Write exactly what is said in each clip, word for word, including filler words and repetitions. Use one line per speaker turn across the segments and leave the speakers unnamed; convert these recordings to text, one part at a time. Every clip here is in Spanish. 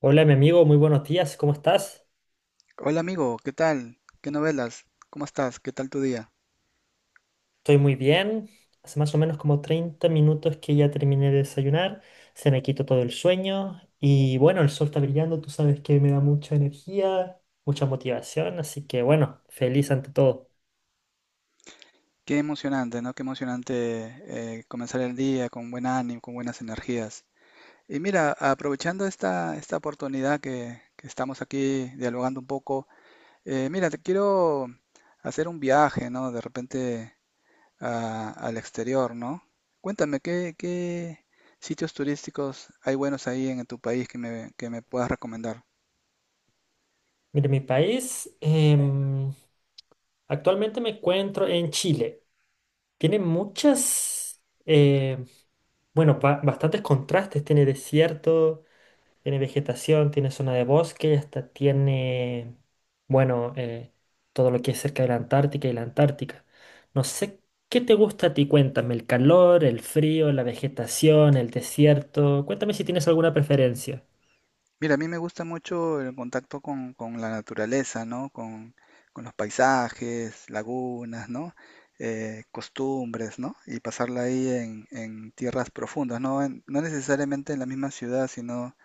Hola, mi amigo, muy buenos días, ¿cómo estás?
Hola amigo, ¿qué tal? ¿Qué novelas? ¿Cómo estás? ¿Qué tal tu día?
Estoy muy bien. Hace más o menos como treinta minutos que ya terminé de desayunar, se me quitó todo el sueño y bueno, el sol está brillando, tú sabes que me da mucha energía, mucha motivación, así que bueno, feliz ante todo.
Qué emocionante, ¿no? Qué emocionante eh, comenzar el día con buen ánimo, con buenas energías. Y mira, aprovechando esta, esta oportunidad que, que estamos aquí dialogando un poco, eh, mira, te quiero hacer un viaje, ¿no? De repente a- al exterior, ¿no? Cuéntame, ¿qué, ¿qué sitios turísticos hay buenos ahí en tu país que me, que me puedas recomendar?
Mire, mi país, em, actualmente me encuentro en Chile. Tiene muchas, eh, bueno, ba- bastantes contrastes, tiene desierto. Tiene vegetación, tiene zona de bosque y hasta tiene, bueno, eh, todo lo que es cerca de la Antártica y la Antártica. No sé qué te gusta a ti, cuéntame, el calor, el frío, la vegetación, el desierto. Cuéntame si tienes alguna preferencia.
Mira, a mí me gusta mucho el contacto con, con la naturaleza, ¿no? Con, con los paisajes, lagunas, ¿no? Eh, costumbres, ¿no? Y pasarla ahí en, en tierras profundas, ¿no? En- no necesariamente en la misma ciudad, sino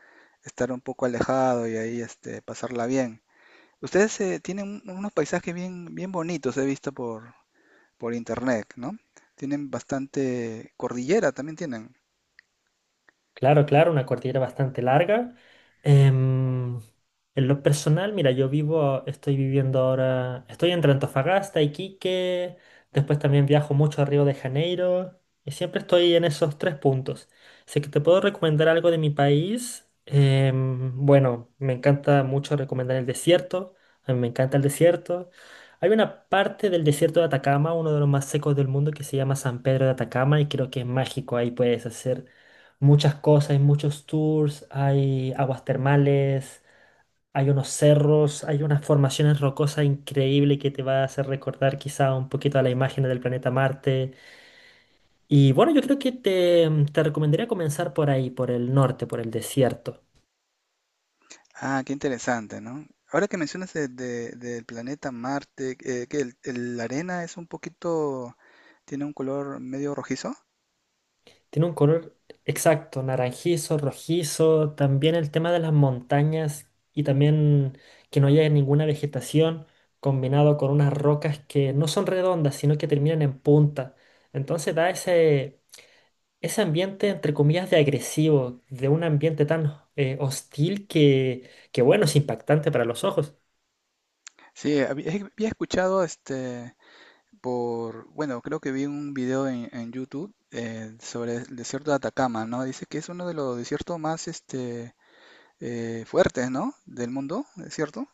estar un poco alejado y ahí este, pasarla bien. Ustedes eh, tienen un- unos paisajes bien, bien bonitos, he visto por, por internet, ¿no? Tienen bastante cordillera, también tienen.
Claro, claro, una cordillera bastante larga. Em, en lo personal, mira, yo vivo, estoy viviendo ahora, estoy entre Antofagasta, Iquique, después también viajo mucho a Río de Janeiro y siempre estoy en esos tres puntos. Así que te puedo recomendar algo de mi país. Em, bueno, me encanta mucho recomendar el desierto, a mí me encanta el desierto. Hay una parte del desierto de Atacama, uno de los más secos del mundo, que se llama San Pedro de Atacama y creo que es mágico, ahí puedes hacer muchas cosas, hay muchos tours, hay aguas termales, hay unos cerros, hay unas formaciones rocosas increíbles que te va a hacer recordar quizá un poquito a la imagen del planeta Marte. Y bueno, yo creo que te, te recomendaría comenzar por ahí, por el norte, por el desierto.
Ah, qué interesante, ¿no? Ahora que mencionas de- de- del planeta Marte, eh, que el- el- la arena es un poquito, tiene un color medio rojizo.
Tiene un color exacto, naranjizo, rojizo, también el tema de las montañas y también que no haya ninguna vegetación combinado con unas rocas que no son redondas, sino que terminan en punta. Entonces da ese, ese ambiente, entre comillas, de agresivo, de un ambiente tan eh, hostil que, que, bueno, es impactante para los ojos.
Sí, había, había escuchado este por, bueno, creo que vi un video en, en YouTube eh, sobre el desierto de Atacama, ¿no? Dice que es uno de los desiertos más este eh, fuertes, ¿no? Del mundo, ¿es cierto?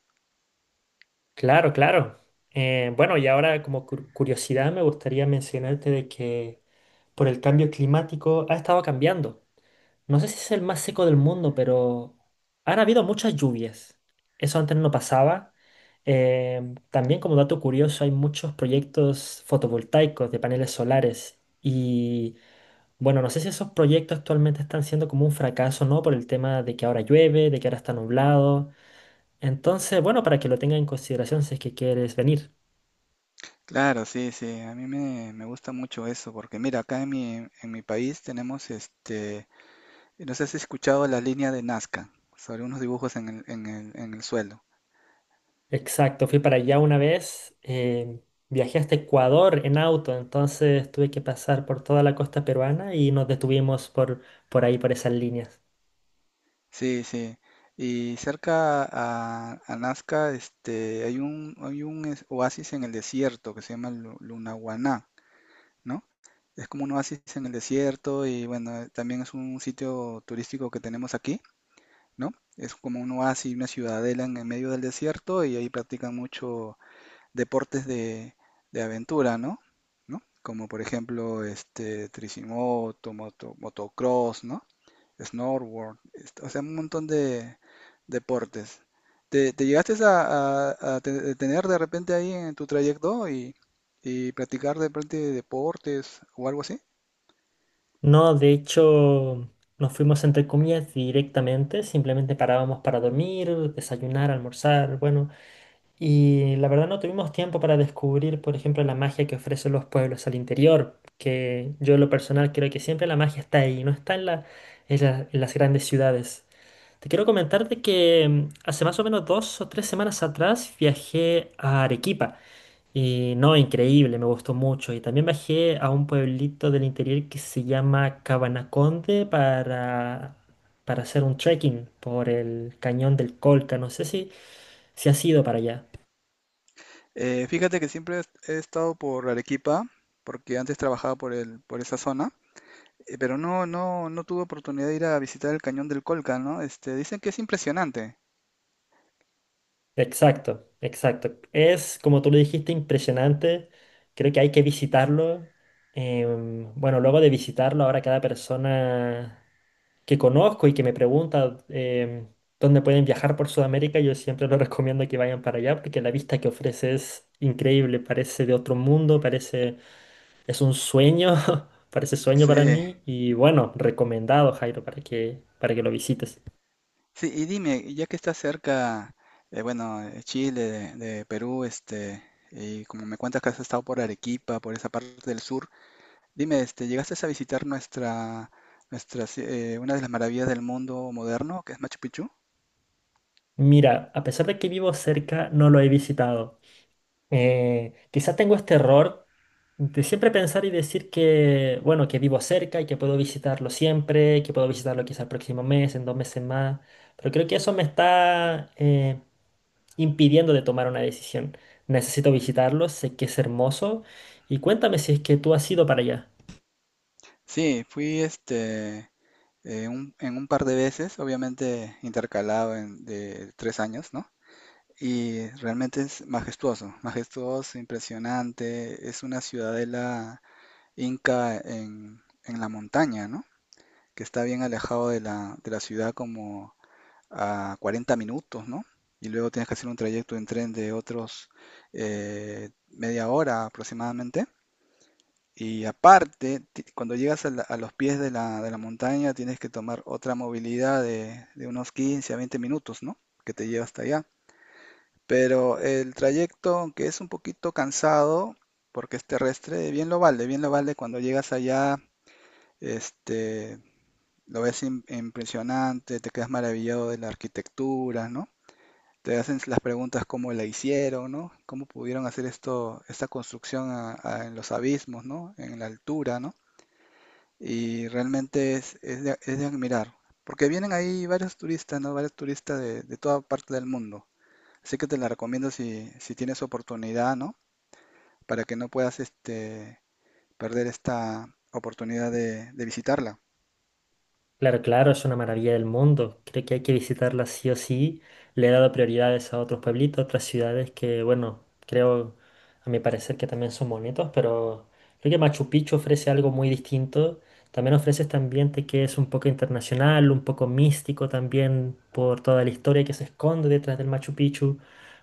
Claro, claro. Eh, bueno, y ahora como cur- curiosidad me gustaría mencionarte de que por el cambio climático ha estado cambiando. No sé si es el más seco del mundo, pero han habido muchas lluvias. Eso antes no pasaba. Em, también como dato curioso, hay muchos proyectos fotovoltaicos de paneles solares. Y bueno, no sé si esos proyectos actualmente están siendo como un fracaso, ¿no? Por el tema de que ahora llueve, de que ahora está nublado. Entonces, bueno, para que lo tenga en consideración si es que quieres venir.
Claro, sí, sí, a mí me, me gusta mucho eso, porque mira, acá en mi, en mi país tenemos este. No sé si has escuchado la línea de Nazca sobre unos dibujos en el, en el, en el suelo.
Exacto, fui para allá una vez, eh, viajé hasta Ecuador en auto, entonces tuve que pasar por toda la costa peruana y nos detuvimos por, por ahí, por esas líneas.
Sí, sí. Y cerca a, a Nazca este, hay un, hay un es- oasis en el desierto que se llama Lu- Lunahuaná, ¿no? Es como un oasis en el desierto y bueno, eh, también es un sitio turístico que tenemos aquí, ¿no? Es como un oasis, una ciudadela en el medio del desierto y ahí practican mucho deportes de, de aventura, ¿no? ¿No? Como por ejemplo, este, tricimoto, moto, motocross, ¿no? Snowboard, este, o sea, un montón de deportes. ¿Te, ¿te llegaste a, a- a te- tener de repente ahí en tu trayecto y, y practicar de repente deportes o algo así?
No, de hecho, nos fuimos entre comillas directamente, simplemente parábamos para dormir, desayunar, almorzar, bueno, y la verdad no tuvimos tiempo para descubrir, por ejemplo, la magia que ofrecen los pueblos al interior, que yo en lo personal creo que siempre la magia está ahí, no está en la- en la- en las grandes ciudades. Te quiero comentar de que mm, hace más o menos dos o tres semanas atrás viajé a Arequipa y no, increíble, me gustó mucho. Y también viajé a un pueblito del interior que se llama Cabanaconde para, para hacer un trekking por el cañón del Colca, no sé si, si has ido para allá.
Eh, fíjate que siempre he he estado por Arequipa, porque antes trabajaba por el, por esa zona. Eh, Pero no, no, no tuve oportunidad de ir a visitar el Cañón del Colca, ¿no? Este, dicen que es impresionante.
Exacto, exacto. Es, como tú lo dijiste, impresionante. Creo que hay que visitarlo. Em, bueno, luego de visitarlo, ahora cada persona que conozco y que me pregunta em, dónde pueden viajar por Sudamérica, yo siempre les recomiendo que vayan para allá porque la vista que ofrece es increíble. Parece de otro mundo, parece, es un sueño, parece sueño
Sí,
para mí. Y bueno, recomendado, Jairo, para que, para que lo visites.
sí, y dime, ya que está cerca, eh, bueno, eh, Chile, de, de Perú, este, y como me cuentas que has estado por Arequipa, por esa parte del sur, dime, este, ¿llegaste a visitar nuestra, nuestra, ci- eh, una de las maravillas del mundo moderno, que es Machu Picchu?
Mira, a pesar de que vivo cerca, no lo he visitado. Eh, quizá tengo este error de siempre pensar y decir que, bueno, que vivo cerca y que puedo visitarlo siempre, que puedo visitarlo quizá el próximo mes, en dos meses más, pero creo que eso me está eh, impidiendo de tomar una decisión. Necesito visitarlo, sé que es hermoso y cuéntame si es que tú has ido para allá.
Sí, fui, este, eh, un- en un par de veces, obviamente intercalado en, de tres años, ¿no? Y realmente es majestuoso, majestuoso, impresionante. Es una ciudadela inca en, en la montaña, ¿no? Que está bien alejado de la, de la ciudad como a cuarenta minutos, ¿no? Y luego tienes que hacer un trayecto en tren de otros eh, media hora aproximadamente. Y aparte, ti- cuando llegas a, la- a los pies de la, de la montaña, tienes que tomar otra movilidad de, de unos quince a veinte minutos, ¿no? Que te lleva hasta allá. Pero el trayecto, aunque es un poquito cansado, porque es terrestre, bien lo vale, bien lo vale cuando llegas allá, este, lo ves im- impresionante, te quedas maravillado de la arquitectura, ¿no? Te hacen las preguntas cómo la hicieron, ¿no? ¿Cómo pudieron hacer esto, esta construcción a- a- en los abismos, ¿no? En la altura, ¿no? Y realmente es, es de, es de admirar, porque vienen ahí varios turistas, ¿no? Varios turistas de, de toda parte del mundo. Así que te la recomiendo si, si tienes oportunidad, ¿no? Para que no puedas este, perder esta oportunidad de, de visitarla.
Claro, claro, es una maravilla del mundo. Creo que hay que visitarla sí o sí. Le he dado prioridades a otros pueblitos, otras ciudades que, bueno, creo, a mi parecer que también son bonitos, pero creo que Machu Picchu ofrece algo muy distinto. También ofrece este ambiente que es un poco internacional, un poco místico también por toda la historia que se esconde detrás del Machu Picchu.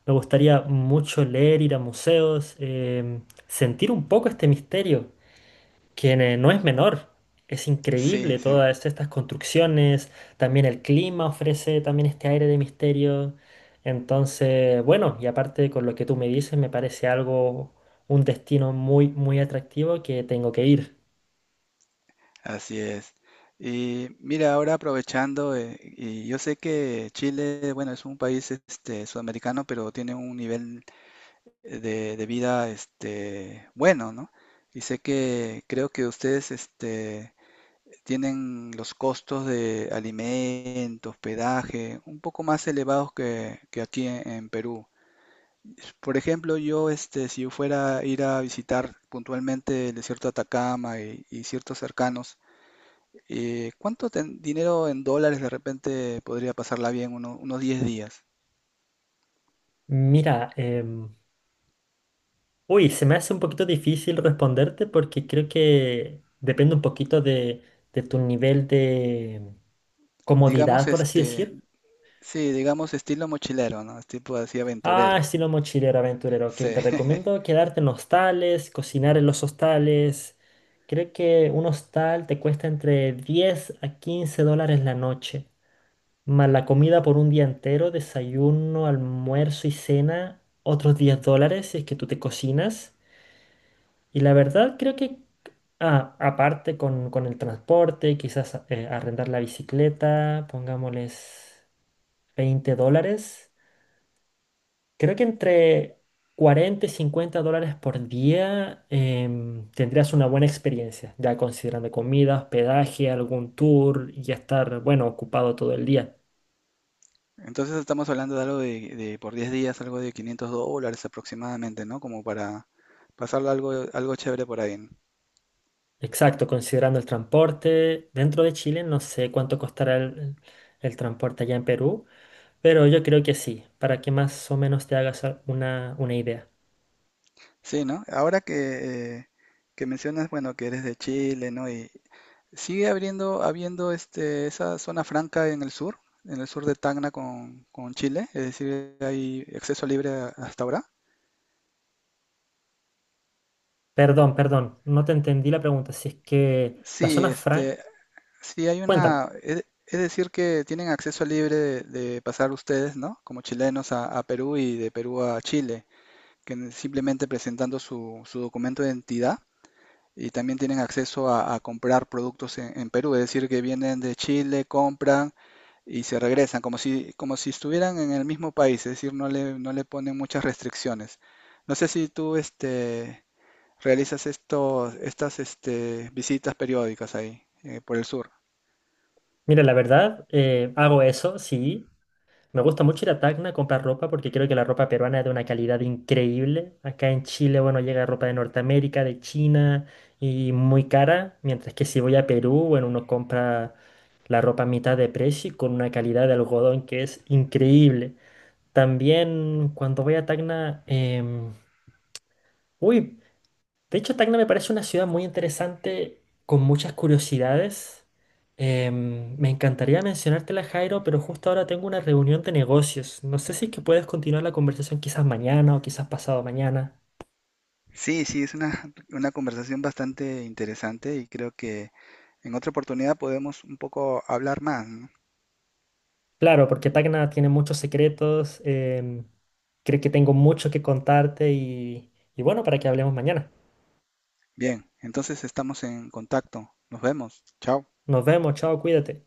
Me gustaría mucho leer, ir a museos, em, sentir un poco este misterio quien eh, no es menor. Es
Sí,
increíble
sí,
todas estas construcciones, también el clima ofrece también este aire de misterio. Entonces, bueno, y aparte con lo que tú me dices, me parece algo, un destino muy, muy atractivo que tengo que ir.
así es. Y mira, ahora aprovechando, eh, y yo sé que Chile, bueno, es un país este, sudamericano, pero tiene un nivel eh, de, de vida este, bueno, ¿no? Y sé que creo que ustedes este, tienen los costos de alimentos, hospedaje, un poco más elevados que, que aquí en, en Perú. Por ejemplo, yo, este, si yo fuera a ir a visitar puntualmente el desierto de Atacama y, y ciertos cercanos, eh, ¿cuánto ten- dinero en dólares de repente podría pasarla bien uno- unos diez días?
Mira, em, uy, se me hace un poquito difícil responderte porque creo que depende un poquito de, de tu nivel de
Digamos,
comodidad, por así
este,
decir.
sí, digamos estilo mochilero, ¿no? Es tipo así
Ah,
aventurero.
estilo mochilero aventurero. Ok,
Sí.
te recomiendo quedarte en hostales, cocinar en los hostales. Creo que un hostal te cuesta entre diez a quince dólares la noche. Más la comida por un día entero, desayuno, almuerzo y cena, otros diez dólares si es que tú te cocinas. Y la verdad creo que, ah, aparte con, con el transporte, quizás eh, arrendar la bicicleta, pongámosles veinte dólares. Creo que entre cuarenta y cincuenta dólares por día em, tendrías una buena experiencia, ya considerando comida, hospedaje, algún tour y estar, bueno, ocupado todo el día.
Entonces estamos hablando de algo de, de por diez días, algo de quinientos dólares aproximadamente, ¿no? Como para pasarlo algo, algo chévere por ahí, ¿no?
Exacto, considerando el transporte. Dentro de Chile no sé cuánto costará el, el transporte allá en Perú, pero yo creo que sí, para que más o menos te hagas a- una, una idea.
Sí, ¿no? Ahora que, eh, que mencionas, bueno, que eres de Chile, ¿no? Y sigue abriendo habiendo este, esa zona franca en el sur, en el sur de Tacna con, con Chile, es decir, hay acceso libre a- hasta ahora.
Perdón, perdón, no te entendí la pregunta. Si es que la
Sí,
zona franca...
este, sí hay
Cuéntame.
una, es, es decir, que tienen acceso libre de, de pasar ustedes, ¿no? Como chilenos a, a Perú y de Perú a Chile, que n- simplemente presentando su, su documento de identidad y también tienen acceso a, a comprar productos en, en Perú, es decir, que vienen de Chile, compran y se regresan, como si, como si estuvieran en el mismo país, es decir, no le, no le ponen muchas restricciones. No sé si tú este, realizas estos, estas este, visitas periódicas ahí, eh, por el sur.
Mira, la verdad, eh, hago eso, sí. Me gusta mucho ir a Tacna a comprar ropa porque creo que la ropa peruana es de una calidad increíble. Acá en Chile, bueno, llega ropa de Norteamérica, de China y muy cara, mientras que si voy a Perú, bueno, uno compra la ropa a mitad de precio y con una calidad de algodón que es increíble. También cuando voy a Tacna, em, uy, de hecho, Tacna me parece una ciudad muy interesante, con muchas curiosidades. Em, me encantaría mencionártela, Jairo, pero justo ahora tengo una reunión de negocios. No sé si es que puedes continuar la conversación quizás mañana o quizás pasado mañana.
Sí, sí, es una, una conversación bastante interesante y creo que en otra oportunidad podemos un poco hablar más, ¿no?
Claro, porque Tacna tiene muchos secretos, em, creo que tengo mucho que contarte y, y bueno, para que hablemos mañana.
Bien, entonces estamos en contacto. Nos vemos. Chao.
Nos vemos, chao, cuídate.